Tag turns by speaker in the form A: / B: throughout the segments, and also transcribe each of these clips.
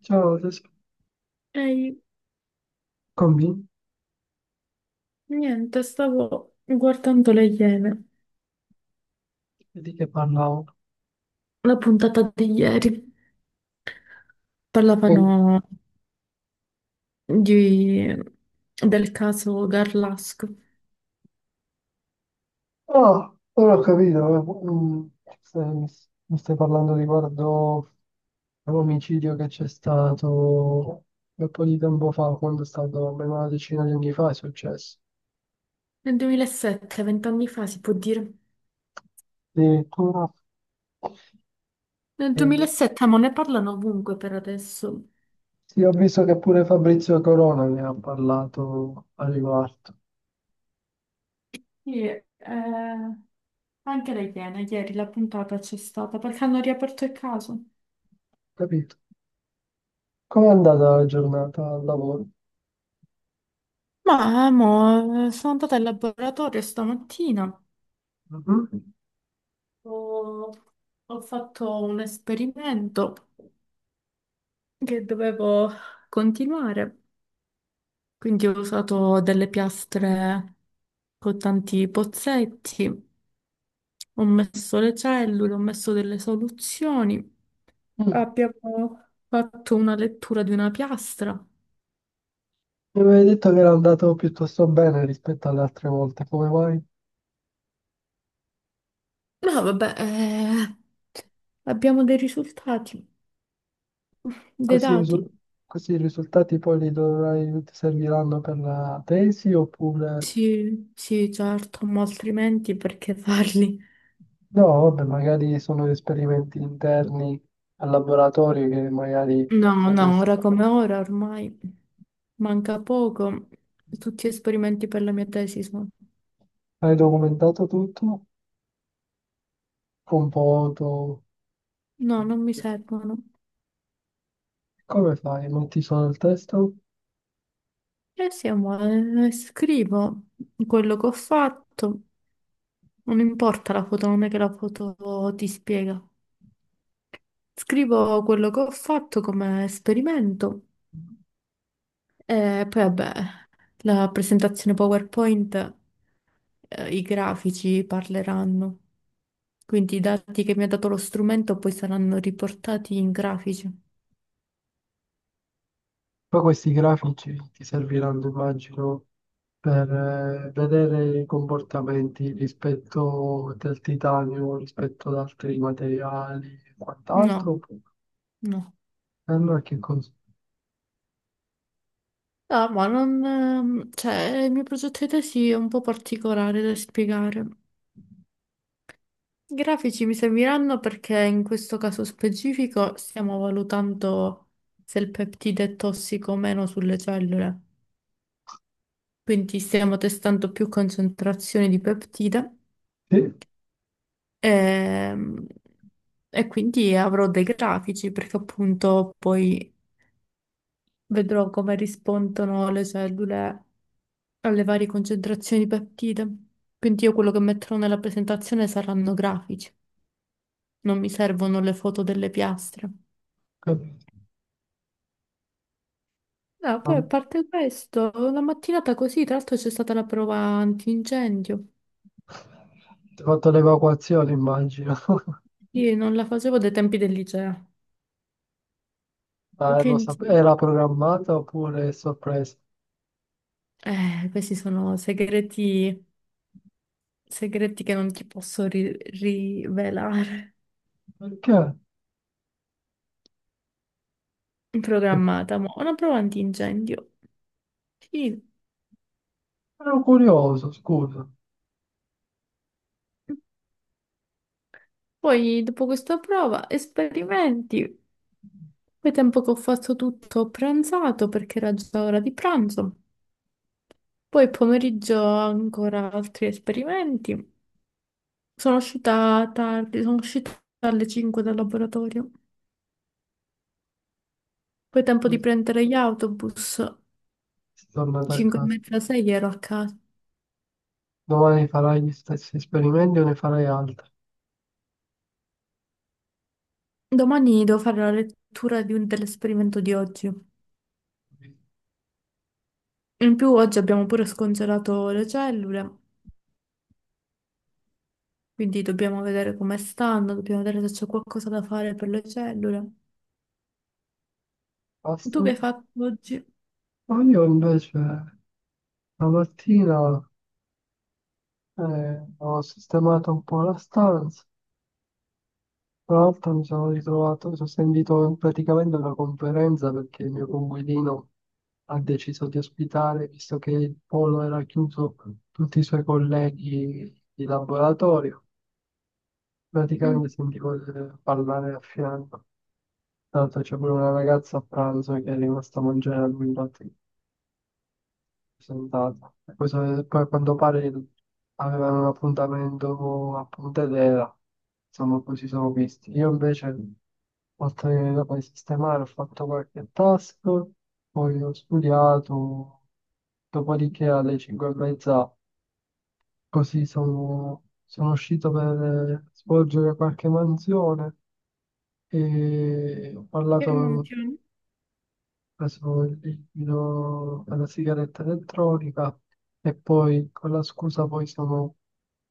A: Ciao, adesso
B: Ehi,
A: cominci
B: niente, stavo guardando le Iene,
A: e di che parlavo.
B: la puntata di ieri. Parlavano
A: Che-
B: di- del caso Garlasco.
A: Ah, ora ho capito, stai- mi stai parlando riguardo l'omicidio che c'è stato un po' di tempo fa, quando è stato almeno una decina di anni fa, è successo.
B: Nel 2007, vent'anni fa si può dire.
A: Addirittura,
B: Nel
A: eh,
B: 2007, ma ne parlano ovunque per adesso.
A: sì, ho visto che pure Fabrizio Corona ne ha parlato a riguardo,
B: Sì, anche le Iene, ieri la puntata c'è stata perché hanno riaperto il caso.
A: capito? Com'è andata la giornata al lavoro?
B: Ma, mo, sono andata al laboratorio stamattina.
A: Mhm.
B: Ho, ho fatto un esperimento, che dovevo continuare. Quindi ho usato delle piastre con tanti pozzetti, ho messo le cellule, ho messo delle soluzioni.
A: Mm.
B: Abbiamo fatto una lettura di una piastra.
A: Mi avevi detto che era andato piuttosto bene rispetto alle altre volte, come mai?
B: No, vabbè, abbiamo dei risultati, dei
A: Questi, risu-
B: dati.
A: Questi risultati poi li dovrai, ti serviranno per la tesi oppure
B: Sì, sì, certo, ma altrimenti perché farli?
A: no, vabbè, magari sono esperimenti interni al laboratorio che magari
B: No, no,
A: potresti.
B: ora come ora ormai manca poco. Tutti esperimenti per la mia tesi sono...
A: Hai documentato tutto con foto?
B: No, non mi servono.
A: Come fai? Non ti sono il testo?
B: E siamo, scrivo quello che ho fatto. Non importa la foto, non è che la foto ti spiega. Scrivo quello che ho fatto come esperimento e poi vabbè, la presentazione PowerPoint, i grafici parleranno. Quindi i dati che mi ha dato lo strumento poi saranno riportati in grafici.
A: Poi questi grafici ti serviranno, immagino, per vedere i comportamenti rispetto del titanio, rispetto ad altri materiali e
B: No,
A: quant'altro. E
B: no.
A: allora che cosa?
B: No, ma non, cioè, il mio progetto di tesi è un po' particolare da spiegare. I grafici mi serviranno perché in questo caso specifico stiamo valutando se il peptide è tossico o meno sulle cellule. Quindi stiamo testando più concentrazioni di peptide
A: Sì,
B: ehm, e quindi avrò dei grafici perché appunto poi vedrò come rispondono le cellule alle varie concentrazioni di peptide. Quindi io quello che metterò nella presentazione saranno grafici, non mi servono le foto delle piastre.
A: capito.
B: No,
A: Ah,
B: poi a parte questo, la mattinata così, tra l'altro c'è stata la prova antincendio.
A: ti ho fatto l'evacuazione, immagino.
B: Io non la facevo dai tempi del liceo.
A: Ma lo
B: Quindi,
A: era programmata oppure è sorpresa?
B: questi sono segreti, segreti che non ti posso rivelare.
A: Perché?
B: Programmata, ma una prova antincendio. Sì.
A: Ero curioso, scusa.
B: Poi, dopo questa prova, esperimenti. Poi tempo che ho fatto tutto ho pranzato perché era già ora di pranzo. Poi pomeriggio ancora altri esperimenti. Sono uscita tardi, sono uscita alle 5 dal laboratorio. Poi tempo di
A: Sei
B: prendere gli autobus.
A: tornata a
B: 5 e
A: casa.
B: mezza, 6 ero a casa.
A: Domani farai gli stessi esperimenti o ne farai altri?
B: Domani devo fare la lettura di dell'esperimento di oggi. In più oggi abbiamo pure scongelato le cellule, quindi dobbiamo vedere come stanno, dobbiamo vedere se c'è qualcosa da fare per le cellule.
A: Basta.
B: Tu che hai fatto oggi?
A: Ma io invece la mattina, ho sistemato un po' la stanza. Tra l'altro mi sono ritrovato, sono sentito praticamente una conferenza perché il mio coinquilino ha deciso di ospitare, visto che il polo era chiuso, tutti i suoi colleghi di laboratorio.
B: Mm.
A: Praticamente sentivo parlare a fianco. Tra l'altro c'è pure una ragazza a pranzo che è rimasta a mangiare a lui, infatti sentato. Poi, poi a quanto pare avevano un appuntamento a Pontedera, insomma, poi ci sono visti. Io invece, oltre che dopo di sistemare, ho fatto qualche task, poi ho studiato, dopodiché alle 5 e mezza, così sono uscito per svolgere qualche mansione e ho
B: Che
A: parlato
B: mantieni?
A: preso il liquido per la sigaretta elettronica e poi con la scusa poi sono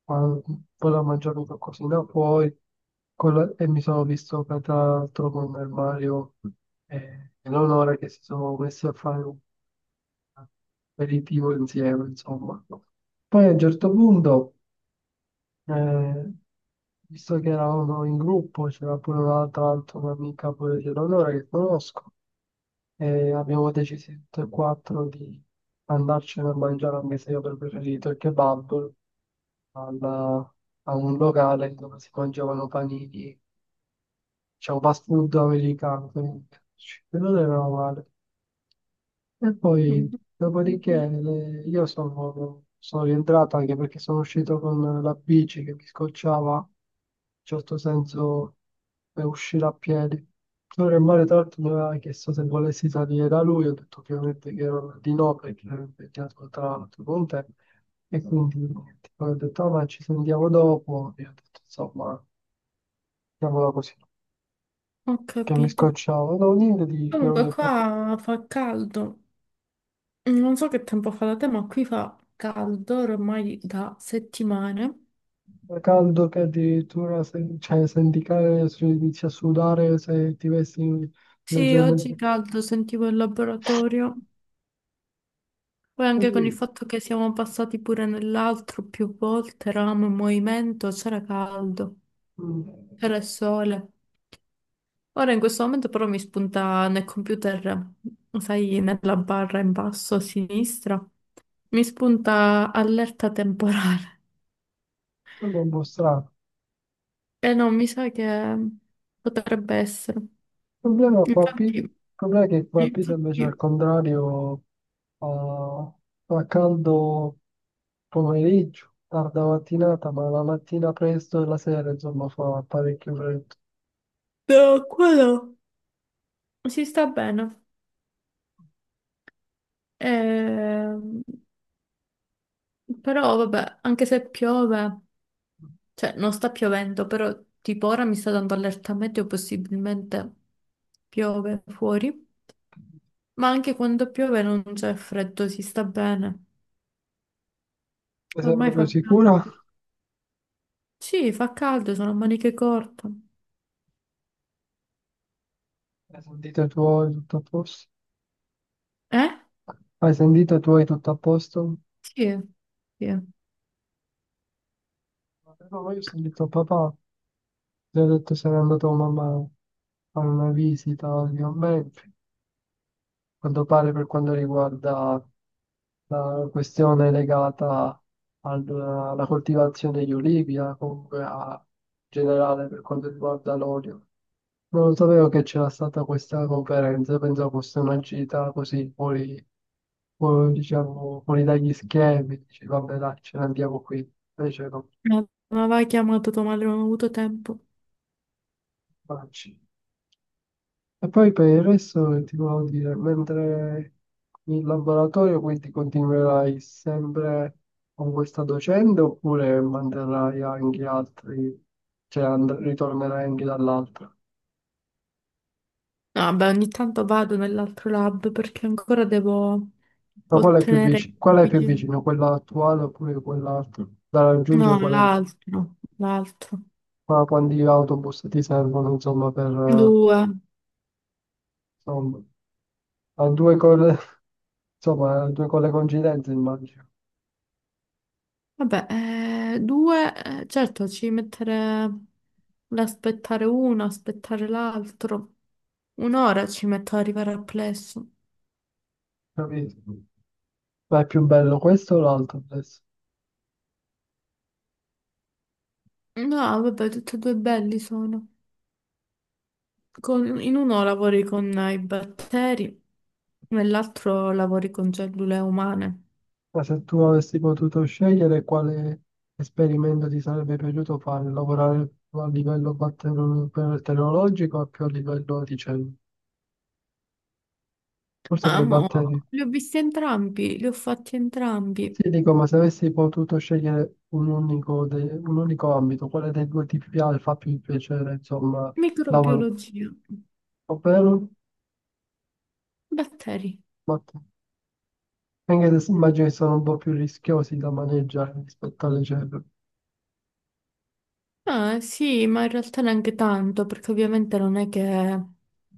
A: ma- volevo mangiarmi qualcosina poi e mi sono visto che tra l'altro con il Mario e l'Onora che si sono messi a fare un aperitivo insieme insomma poi a un certo punto eh, visto che eravamo in gruppo, c'era pure un'altra altra mia amica pure di Eleonora che conosco, e abbiamo deciso tutti e quattro di andarcene a mangiare, anche se io avrei preferito il kebab, al- a un locale dove si mangiavano panini, c'è un fast food americano, quindi quello non era male. E poi,
B: Mm,
A: dopodiché, io sono rientrato anche perché sono uscito con la bici che mi scocciava, in certo senso, per uscire a piedi. Allora, il mare, tra l'altro, mi aveva chiesto se volessi salire da lui, ho detto ovviamente che ero di no perché ero impegnato tra l'altro con te, e quindi niente. Poi ho detto, "Ah, ma ci sentiamo dopo", e ho detto, insomma, chiamola così,
B: ho
A: che mi
B: capito.
A: scocciava, no, niente di.
B: Comunque qua fa caldo. Non so che tempo fa da te, ma qui fa caldo ormai da settimane.
A: Fa caldo che addirittura se, cioè, senti che se inizi a sudare se ti vesti
B: Sì, oggi
A: leggermente.
B: caldo, sentivo il laboratorio. Poi anche con il
A: Quindi,
B: fatto che siamo passati pure nell'altro più volte, eravamo in movimento, c'era caldo,
A: mm,
B: c'era il sole. Ora in questo momento però mi spunta nel computer, sai, nella barra in basso a sinistra, mi spunta allerta temporale.
A: sembra un po' strano.
B: E no, mi sa che potrebbe essere.
A: Il problema, qua,
B: Infatti,
A: il problema è che qua a Pisa invece al
B: infatti.
A: contrario fa, fa caldo pomeriggio, tarda mattinata, ma la mattina presto e la sera insomma fa parecchio freddo.
B: No, quello si sta bene. Ehm, Però vabbè, anche se piove, cioè non sta piovendo, però tipo ora mi sta dando allerta meteo, possibilmente piove fuori. Ma anche quando piove non c'è freddo, si sta bene.
A: Ti sei
B: Ormai
A: proprio
B: fa caldo.
A: sicura?
B: Sì, fa caldo, sono a maniche corte.
A: Hai sentito i tuoi tutto a posto?
B: Eh?
A: Hai sentito i tuoi tutto a posto?
B: Sì, sì.
A: No, io ho sentito papà. Ti ho detto sarei andato con mamma a fare una visita di commenti, a quanto pare per quanto riguarda la questione legata alla coltivazione degli olivi, comunque a, in generale per quanto riguarda l'olio. Non sapevo che c'era stata questa conferenza, pensavo fosse una gita così fuori, diciamo, fuori dagli schemi, dici vabbè dai, ce ne andiamo qui, invece no,
B: Ma aveva chiamato tua madre, non ho avuto tempo. No,
A: vacci. E poi per il resto ti volevo dire, mentre in laboratorio quindi continuerai sempre con questa docente oppure manterrai anche altri, cioè ritornerai anche dall'altra?
B: vabbè, ogni tanto vado nell'altro lab perché ancora devo
A: Ma qual è più
B: ottenere i
A: vicino? Qual è più
B: grafici.
A: vicino? Quella attuale oppure quell'altra? Da raggiungere
B: No, l'altro, l'altro.
A: quanti autobus ti servono, insomma, per
B: Due.
A: insomma, a due cose, insomma, a due con le coincidenze immagino,
B: Vabbè, due, certo, ci mettere l'aspettare uno, aspettare l'altro. Un'ora ci metto ad arrivare al plesso.
A: capito? Ma è più bello questo o l'altro adesso?
B: No, vabbè, tutti e due belli sono. In uno lavori con i batteri, nell'altro lavori con cellule umane.
A: Ma se tu avessi potuto scegliere quale esperimento ti sarebbe piaciuto fare, lavorare più a livello batteriologico o più a livello di cellule? Forse con i
B: Amo,
A: batteri.
B: li ho visti entrambi, li ho fatti entrambi.
A: Sì, dico, ma se avessi potuto scegliere un unico ambito, quale dei due ti piace, fa più piacere, insomma, lavorare?
B: Microbiologia,
A: Ovvero,
B: batteri.
A: batteri. Anche se immagino che sono un po' più rischiosi da maneggiare rispetto alle cellule.
B: Ah, sì, ma in realtà neanche tanto, perché ovviamente non è che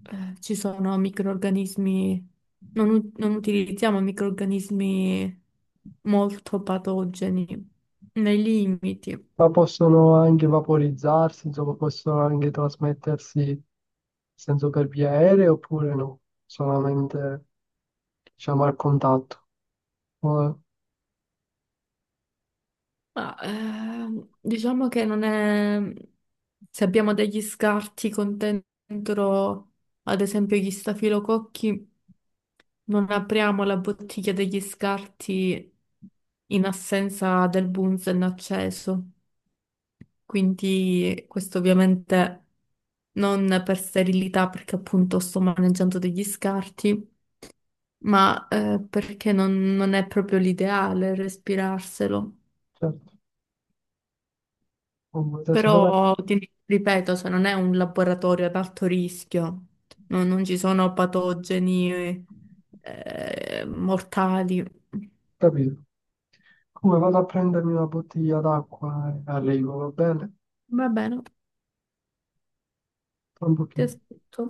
B: ci sono microrganismi, non utilizziamo microrganismi molto patogeni, nei limiti.
A: Ma possono anche vaporizzarsi, insomma, possono anche trasmettersi in senso per via aerea oppure no, solamente diciamo al contatto. Ora,
B: Ma diciamo che non è... Se abbiamo degli scarti con dentro, ad esempio, gli stafilococchi, non apriamo la bottiglia degli scarti in assenza del bunzen acceso. Quindi questo ovviamente non per sterilità, perché appunto sto maneggiando degli scarti, ma perché non è proprio l'ideale respirarselo.
A: certo, comunque adesso vado a
B: Però ti ripeto, cioè, non è un laboratorio ad alto rischio, non ci sono patogeni mortali.
A: capire. Come vado a prendermi una bottiglia d'acqua e arrivo, va bene?
B: Va bene,
A: Tra un
B: ti
A: pochino.
B: aspetto.